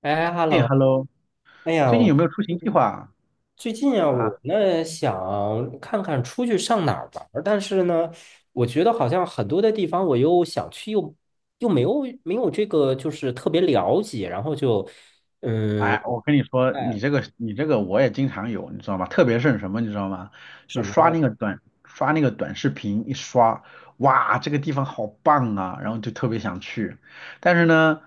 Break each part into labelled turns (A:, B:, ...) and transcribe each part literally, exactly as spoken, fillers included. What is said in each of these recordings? A: 哎
B: 哎
A: ，hello，
B: ，Hello，
A: 哎呀，
B: 最近有
A: 我
B: 没有出行计
A: 嗯
B: 划啊？
A: 最近啊，我
B: 啊，
A: 呢想看看出去上哪儿玩儿。但是呢，我觉得好像很多的地方我又想去又，又没有没有这个就是特别了解，然后就嗯，
B: 哎，我跟你说，你
A: 哎，
B: 这个你这个我也经常有，你知道吗？特别是什么，你知道吗？就
A: 什
B: 是
A: 么
B: 刷
A: 呀？
B: 那个短刷那个短视频，一刷，哇，这个地方好棒啊，然后就特别想去。但是呢，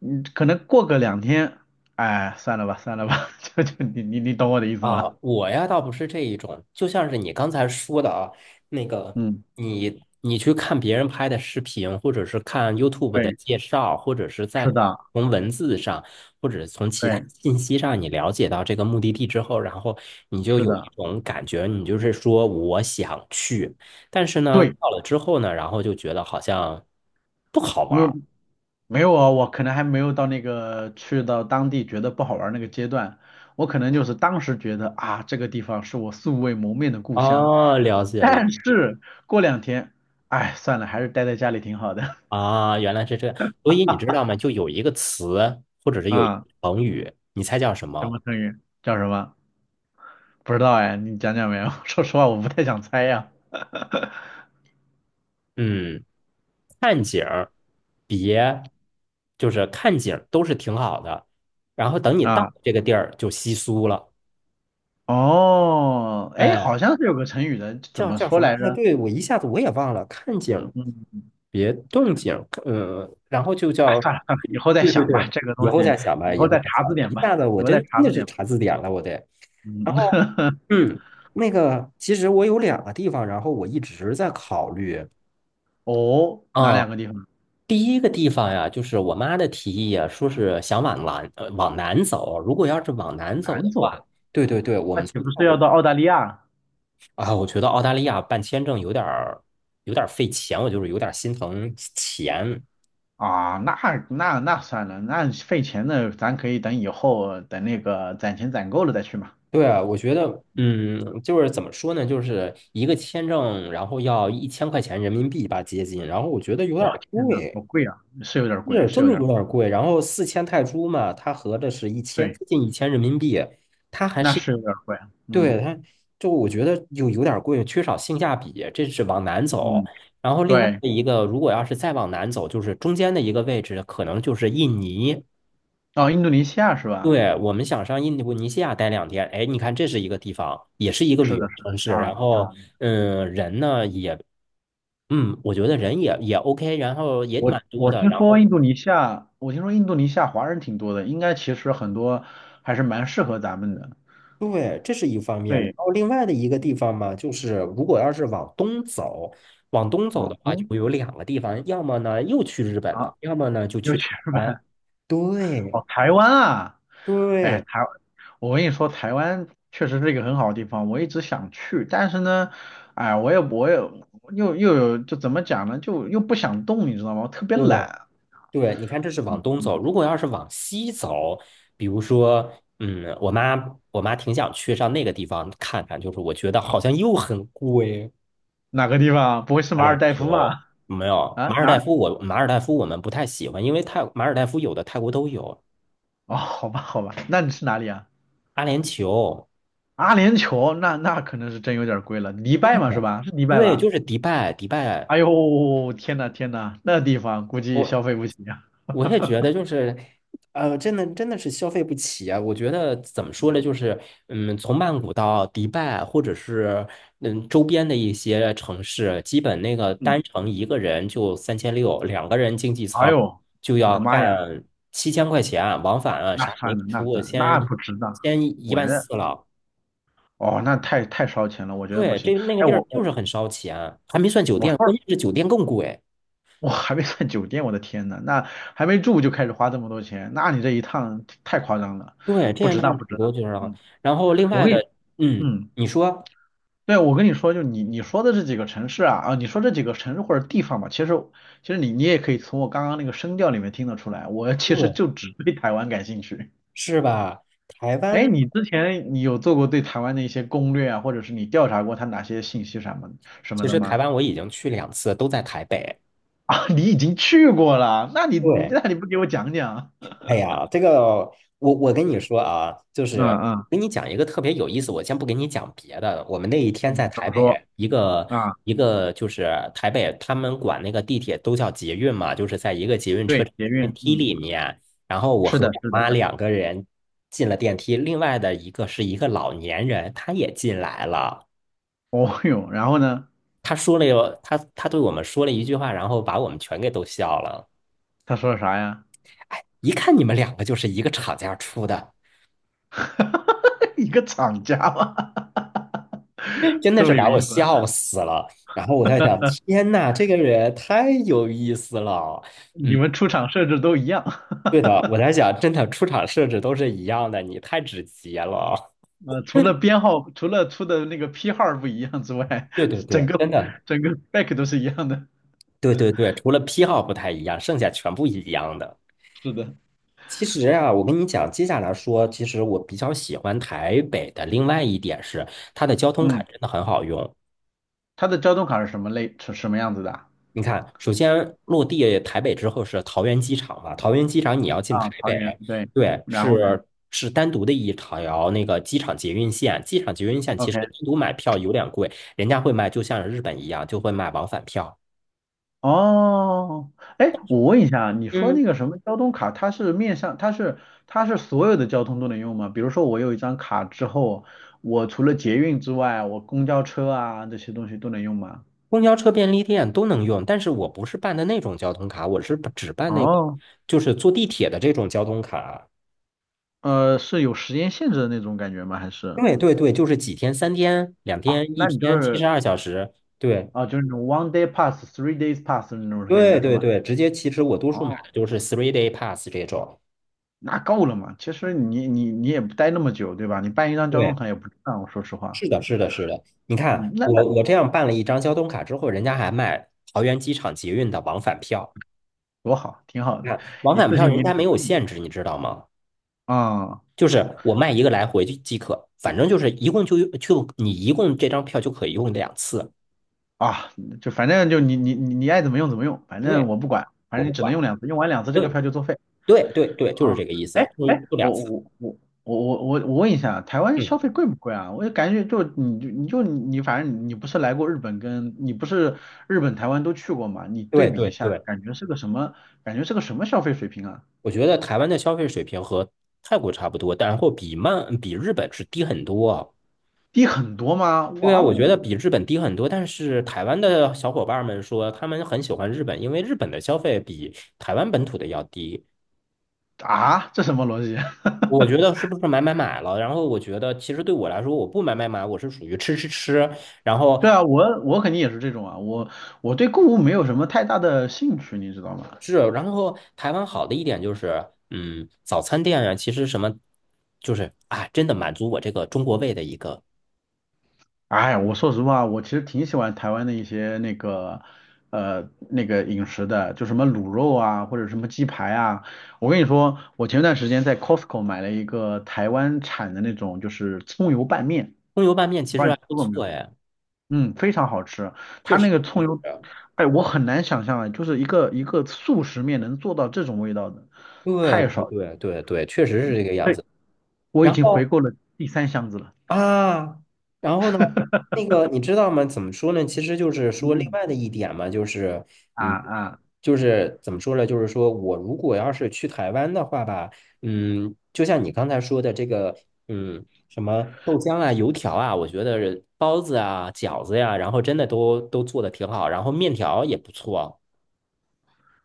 B: 嗯，可能过个两天，哎，算了吧，算了吧，就就你你你懂我的意思
A: 啊，
B: 吗？
A: 我呀倒不是这一种，就像是你刚才说的啊，那个
B: 嗯，
A: 你你去看别人拍的视频，或者是看 YouTube 的
B: 对，
A: 介绍，或者是
B: 是
A: 在
B: 的，
A: 从文字上，或者从其他
B: 对，
A: 信息上，你了解到这个目的地之后，然后你就
B: 是
A: 有一
B: 的，
A: 种感觉，你就是说我想去，但是呢，
B: 对，
A: 到了之后呢，然后就觉得好像不好玩
B: 没有，
A: 儿。
B: 没有啊，我可能还没有到那个去到当地觉得不好玩儿那个阶段，我可能就是当时觉得啊，这个地方是我素未谋面的故乡，
A: 哦，了解了。
B: 但是过两天，哎，算了，还是待在家里挺好的。
A: 啊，原来是这样。所以你知道吗？就有一个词，或者是有一个
B: 啊，
A: 成语，你猜叫什
B: 什
A: 么？
B: 么成语？叫什么？不知道哎，你讲讲没有？说实话，我不太想猜呀。
A: 嗯，看景儿，别，就是看景儿都是挺好的，然后等你到
B: 啊，
A: 这个地儿就稀疏了。
B: 哦，哎，
A: 哎，
B: 好像是有个成语的，怎
A: 叫
B: 么
A: 叫
B: 说
A: 什么？
B: 来
A: 哎，
B: 着？
A: 对，我一下子我也忘了。看景儿，
B: 嗯。
A: 别动景儿，嗯，然后就
B: 哎，
A: 叫，
B: 算了算了，以后再
A: 对对
B: 想吧，
A: 对，
B: 这个
A: 以
B: 东
A: 后
B: 西
A: 再想吧，
B: 以
A: 以
B: 后
A: 后
B: 再
A: 再
B: 查
A: 想
B: 字
A: 吧。
B: 典
A: 一下
B: 吧，
A: 子我
B: 以后
A: 真
B: 再查
A: 真的
B: 字
A: 是
B: 典吧。
A: 查字典了，我得。然
B: 嗯，
A: 后。嗯，那个，其实我有两个地方，然后我一直在考虑。
B: 哦，哪
A: 啊，
B: 两个地方？
A: 第一个地方呀，就是我妈的提议呀，说是想往南，呃，往南走。如果要是往南走
B: 南
A: 的
B: 走，
A: 话，对对对，我
B: 那
A: 们
B: 岂
A: 从
B: 不
A: 泰
B: 是要
A: 国。
B: 到澳大利亚
A: 啊，我觉得澳大利亚办签证有点儿，有点儿费钱，我就是有点儿心疼钱。
B: 啊？那那那算了，那费钱的，咱可以等以后等那个攒钱攒够了再去嘛。
A: 对啊，我觉得，嗯，就是怎么说呢，就是一个签证，然后要一千块钱人民币吧，接近，然后我觉得有点
B: 哇，
A: 儿
B: 天呐，好
A: 贵。
B: 贵啊，是有点贵，
A: 是
B: 是
A: 真
B: 有
A: 的
B: 点
A: 有
B: 贵，
A: 点贵，然后四千泰铢嘛，它合着是一千，
B: 对，
A: 接近一千人民币，它还
B: 那
A: 是
B: 是有点贵。嗯
A: 对它，就我觉得有有点贵，缺少性价比，这是往南走。
B: 嗯，
A: 然后另外
B: 对，
A: 的一个，如果要是再往南走，就是中间的一个位置，可能就是印尼。
B: 哦，印度尼西亚是吧？
A: 对，我们想上印度尼西亚待两天，哎，你看这是一个地方，也是一个旅
B: 是的，
A: 游
B: 是
A: 城
B: 的，
A: 市，
B: 好，
A: 然
B: 啊
A: 后
B: 好。
A: 嗯，人呢也，嗯，我觉得人也也 OK，然后也
B: 我
A: 蛮多
B: 我
A: 的，
B: 听
A: 然
B: 说
A: 后。
B: 印度尼西亚，我听说印度尼西亚华人挺多的，应该其实很多还是蛮适合咱们的。
A: 对，这是一方面。然
B: 对，
A: 后另外的一个地方嘛，就是如果要是往东走，往东走
B: 往
A: 的话，就
B: 东
A: 会有两个地方，要么呢又去日本了，
B: 啊，
A: 要么呢就
B: 又
A: 去台
B: 去日
A: 湾。
B: 本，
A: 对
B: 哦，台湾啊，哎，
A: 对
B: 台，我跟你说，台湾确实是一个很好的地方，我一直想去，但是呢，哎，我也我也又又有就怎么讲呢，就又不想动，你知道吗？我特别
A: 对
B: 懒。
A: 对，你看这是往东
B: 嗯，
A: 走。如果要是往西走，比如说，嗯，我妈我妈挺想去上那个地方看看，就是我觉得好像又很贵，
B: 哪个地方？不会是
A: 打
B: 马尔
A: 脸
B: 代夫
A: 球。
B: 吧？
A: 没有，
B: 啊，
A: 马尔
B: 哪
A: 代
B: 儿？
A: 夫我马尔代夫我们不太喜欢，因为泰马尔代夫有的泰国都有。
B: 哦，好吧，好吧，那你是哪里啊？
A: 阿联酋。
B: 阿联酋那那可能是真有点贵了，迪拜嘛是
A: 对，
B: 吧？是迪拜
A: 对，就
B: 吧？
A: 是迪拜，迪拜，
B: 哎呦，天呐天呐，那地方估计
A: 我
B: 消费不起呀、
A: 我也觉 得就是，呃，真的真的是消费不起啊！我觉得怎么说呢，就是，嗯，从曼谷到迪拜，或者是嗯周边的一些城市，基本那个
B: 嗯，
A: 单程一个人就三千六，两个人经济
B: 哎
A: 舱
B: 呦，
A: 就
B: 我的
A: 要
B: 妈呀，
A: 干七千块钱啊，往返啊
B: 那
A: 啥也没
B: 算了那
A: 出，
B: 算了，那
A: 先
B: 不值当，
A: 先一
B: 我觉
A: 万
B: 得
A: 四了。
B: 哦那太太烧钱了，我觉得不
A: 对，
B: 行。
A: 这那个
B: 哎
A: 地儿
B: 我
A: 就
B: 我
A: 是很烧钱啊，还没算酒
B: 我
A: 店，关
B: 说
A: 键是酒店更贵。
B: 我还没算酒店，我的天呐，那还没住就开始花这么多钱，那你这一趟太夸张了，
A: 对，这
B: 不
A: 样
B: 值
A: 的话
B: 当不
A: 挺
B: 值
A: 多
B: 当。
A: 就是了。
B: 嗯，
A: 然后另
B: 我
A: 外
B: 跟你
A: 的。嗯，
B: 嗯。
A: 你说，
B: 对，我跟你说，就你你说的这几个城市啊，啊，你说这几个城市或者地方吧，其实其实你你也可以从我刚刚那个声调里面听得出来，我其实
A: 对，
B: 就只对台湾感兴趣。
A: 是吧？台
B: 哎，
A: 湾，
B: 你之前你有做过对台湾的一些攻略啊，或者是你调查过他哪些信息什么什么
A: 其
B: 的
A: 实台
B: 吗？
A: 湾我已经去两次，都在台北。
B: 啊，你已经去过了，那你
A: 对，
B: 那你不给我讲讲？
A: 哎呀，这个我我跟你说啊，就
B: 嗯
A: 是
B: 嗯
A: 跟你讲一个特别有意思。我先不跟你讲别的，我们那一天在
B: 嗯，怎
A: 台
B: 么
A: 北
B: 说
A: 一个
B: 啊？
A: 一个就是台北，他们管那个地铁都叫捷运嘛，就是在一个捷运车
B: 对，
A: 站
B: 捷
A: 的电
B: 运，
A: 梯
B: 嗯，
A: 里面，然后我
B: 是
A: 和
B: 的，
A: 我
B: 是的。
A: 妈两个人进了电梯，另外的一个是一个老年人，他也进来了，
B: 哦哟，然后呢？
A: 他说了有他他对我们说了一句话，然后把我们全给逗笑了。
B: 他说啥呀？
A: 一看你们两个就是一个厂家出的。
B: 一个厂家吗？
A: 真的
B: 这
A: 是
B: 么有
A: 把我
B: 意思。
A: 笑死了。然后我在想，天呐，这个人太有意思了。
B: 你
A: 嗯，
B: 们出厂设置都一样，
A: 对的，我在想，真的出场设置都是一样的，你太直接了。
B: 呃，除了编号，除了出的那个批号不一样之外，
A: 对对
B: 整
A: 对，
B: 个
A: 真的，
B: 整个 back 都是一样的。
A: 对对对，除了批号不太一样，剩下全部一样的。
B: 是的，
A: 其实啊，我跟你讲，接下来说，其实我比较喜欢台北的另外一点是，它的交通卡
B: 嗯，
A: 真的很好用。
B: 它的交通卡是什么类，是什么样子的啊？
A: 你看，首先落地台北之后是桃园机场嘛，桃园机场你要进台
B: 啊，桃园，
A: 北，
B: 对，
A: 对，
B: 然后呢
A: 是是单独的一条那个机场捷运线，机场捷运线其实
B: ？OK，
A: 单独买票有点贵，人家会卖，就像日本一样，就会卖往返票。
B: 哦，哎，我问一下啊，你说
A: 嗯，
B: 那个什么交通卡，它是面向，它是它是所有的交通都能用吗？比如说我有一张卡之后，我除了捷运之外，我公交车啊这些东西都能用吗？
A: 公交车便利店都能用，但是我不是办的那种交通卡，我是只办那个，
B: 哦
A: 就是坐地铁的这种交通卡。
B: 呃，是有时间限制的那种感觉吗？还是
A: 对对对，就是几天、三天、两天、一
B: 那你就
A: 天、七
B: 是
A: 十二小时，对，
B: 啊，就是那种 one day pass、three days pass 的那种感
A: 对
B: 觉是
A: 对
B: 吧？
A: 对，直接其实我多数买
B: 哦，
A: 的就是 three day pass 这种。
B: 那够了嘛？其实你你你也不待那么久，对吧？你办一张交通
A: 对，
B: 卡也不值当我说实话。
A: 是的，是的，是的。你看，
B: 嗯，那那
A: 我我这样办了一张交通卡之后，人家还卖桃园机场捷运的往返票。
B: 多好，挺好
A: 你
B: 的，
A: 看，往
B: 一
A: 返
B: 次
A: 票
B: 性
A: 人
B: 给你
A: 家
B: 搞
A: 没有
B: 定了
A: 限制，你知道吗？
B: 啊、
A: 就是我卖一个来回就即可，反正就是一共就用就你一共这张票就可以用两次。
B: 啊，就反正就你你你你爱怎么用怎么用，反正
A: 对，
B: 我不管，反
A: 我
B: 正你
A: 不
B: 只能
A: 管。
B: 用两次，用完两次这个
A: 对
B: 票就作废。
A: 对对对，就是
B: 啊，
A: 这个意
B: 哎
A: 思，就
B: 哎，
A: 就两
B: 我我
A: 次。
B: 我我我我我问一下，台湾
A: 嗯，
B: 消费贵不贵啊？我就感觉就你就你就你，反正你不是来过日本跟你不是日本、台湾都去过嘛？你对
A: 对
B: 比
A: 对
B: 一下，
A: 对。
B: 感觉是个什么？感觉是个什么消费水平啊？
A: 我觉得台湾的消费水平和泰国差不多，然后比曼比日本是低很多啊。
B: 低很多吗？
A: 对啊，
B: 哇
A: 我觉得
B: 哦，
A: 比日本低很多，但是台湾的小伙伴们说他们很喜欢日本，因为日本的消费比台湾本土的要低。
B: 啊，这什么逻辑？
A: 我 觉得是不是买买买了？然后我觉得其实对我来说，我不买买买，我是属于吃吃吃。然后
B: 对啊，我我肯定也是这种啊，我我对购物没有什么太大的兴趣，你知道吗？
A: 是，然后台湾好的一点就是，嗯，早餐店啊，其实什么就是啊，真的满足我这个中国胃的一个
B: 哎，我说实话，我其实挺喜欢台湾的一些那个，呃，那个饮食的，就什么卤肉啊，或者什么鸡排啊。我跟你说，我前段时间在 Costco 买了一个台湾产的那种，就是葱油拌面，
A: 葱油拌面，其
B: 不
A: 实
B: 知道你
A: 还
B: 吃
A: 不
B: 过没有？
A: 错哎。
B: 嗯，非常好吃。
A: 确
B: 它那
A: 实，
B: 个
A: 确
B: 葱
A: 实
B: 油，哎，我很难想象啊，就是一个一个速食面能做到这种味道的，
A: 对
B: 太少了。
A: 对对对对，确实是这个样
B: 对，
A: 子。
B: 我已
A: 然
B: 经回
A: 后
B: 购了第三箱子了。
A: 啊，然后呢，那个你知道吗？怎么说呢？其实就是
B: 嗯
A: 说另
B: 嗯。
A: 外的一点嘛，就是
B: 啊
A: 嗯，
B: 啊
A: 就是怎么说呢？就是说我如果要是去台湾的话吧，嗯，就像你刚才说的这个，嗯，什么豆浆啊、油条啊，我觉得包子啊、饺子呀、然后真的都都做的挺好，然后面条也不错，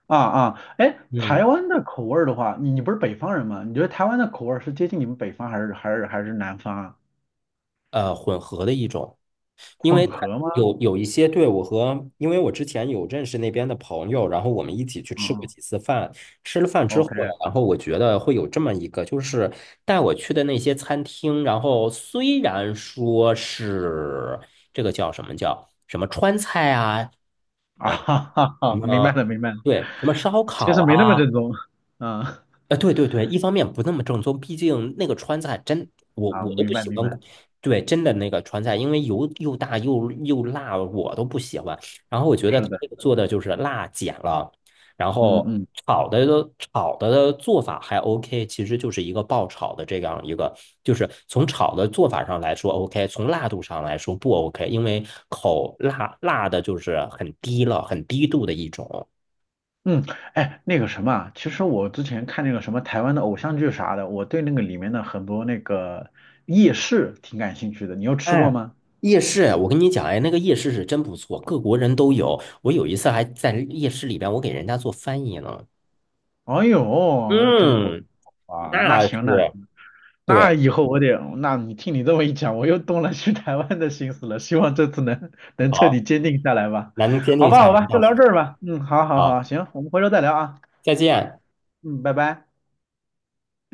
B: 啊啊，哎，
A: 嗯，
B: 台湾的口味儿的话，你你不是北方人吗？你觉得台湾的口味儿是接近你们北方还是还是还是南方啊？
A: 呃，混合的一种。因为
B: 混
A: 他
B: 合吗？
A: 有有一些对我和，因为我之前有认识那边的朋友，然后我们一起去
B: 啊
A: 吃过
B: 啊
A: 几次饭。吃了饭之后，
B: ，OK 啊，
A: 然后我觉得会有这么一个，就是带我去的那些餐厅，然后虽然说是这个叫什么叫什么川菜啊，
B: 哈
A: 呃，
B: 哈
A: 什
B: 哈，明白
A: 么
B: 了明白了，
A: 对，什么烧
B: 其
A: 烤
B: 实没那么
A: 啊。
B: 正宗，嗯
A: 呃，对对对，一方面不那么正宗，毕竟那个川菜真，我
B: 啊，
A: 我都
B: 明
A: 不
B: 白
A: 喜
B: 明
A: 欢
B: 白，
A: 对，真的那个川菜，因为油又大又又辣，我都不喜欢。然后我觉得
B: 是
A: 他
B: 的，
A: 这个做的就是辣减了，然
B: 嗯
A: 后
B: 嗯
A: 炒的都炒的做法还 OK，其实就是一个爆炒的这样一个，就是从炒的做法上来说 OK，从辣度上来说不 OK，因为口辣辣的就是很低了，很低度的一种。
B: 嗯，哎，那个什么啊其实我之前看那个什么台湾的偶像剧啥的，我对那个里面的很多那个夜市挺感兴趣的，你有吃过
A: 哎，
B: 吗？
A: 夜市，我跟你讲，哎，那个夜市是真不错，各国人都有。我有一次还在夜市里边，我给人家做翻译呢。
B: 哎呦，真不错
A: 嗯，
B: 啊，那
A: 那是，
B: 行那。那
A: 对，
B: 以后我得，那你听你这么一讲，我又动了去台湾的心思了。希望这次能能彻底
A: 好，
B: 坚定下来吧。
A: 咱们坚定
B: 好
A: 一
B: 吧，
A: 下
B: 好
A: 来，
B: 吧，就
A: 到时
B: 聊
A: 候
B: 这儿吧。嗯，好好好，
A: 好，
B: 行，我们回头再聊啊。
A: 再见。
B: 嗯，拜拜。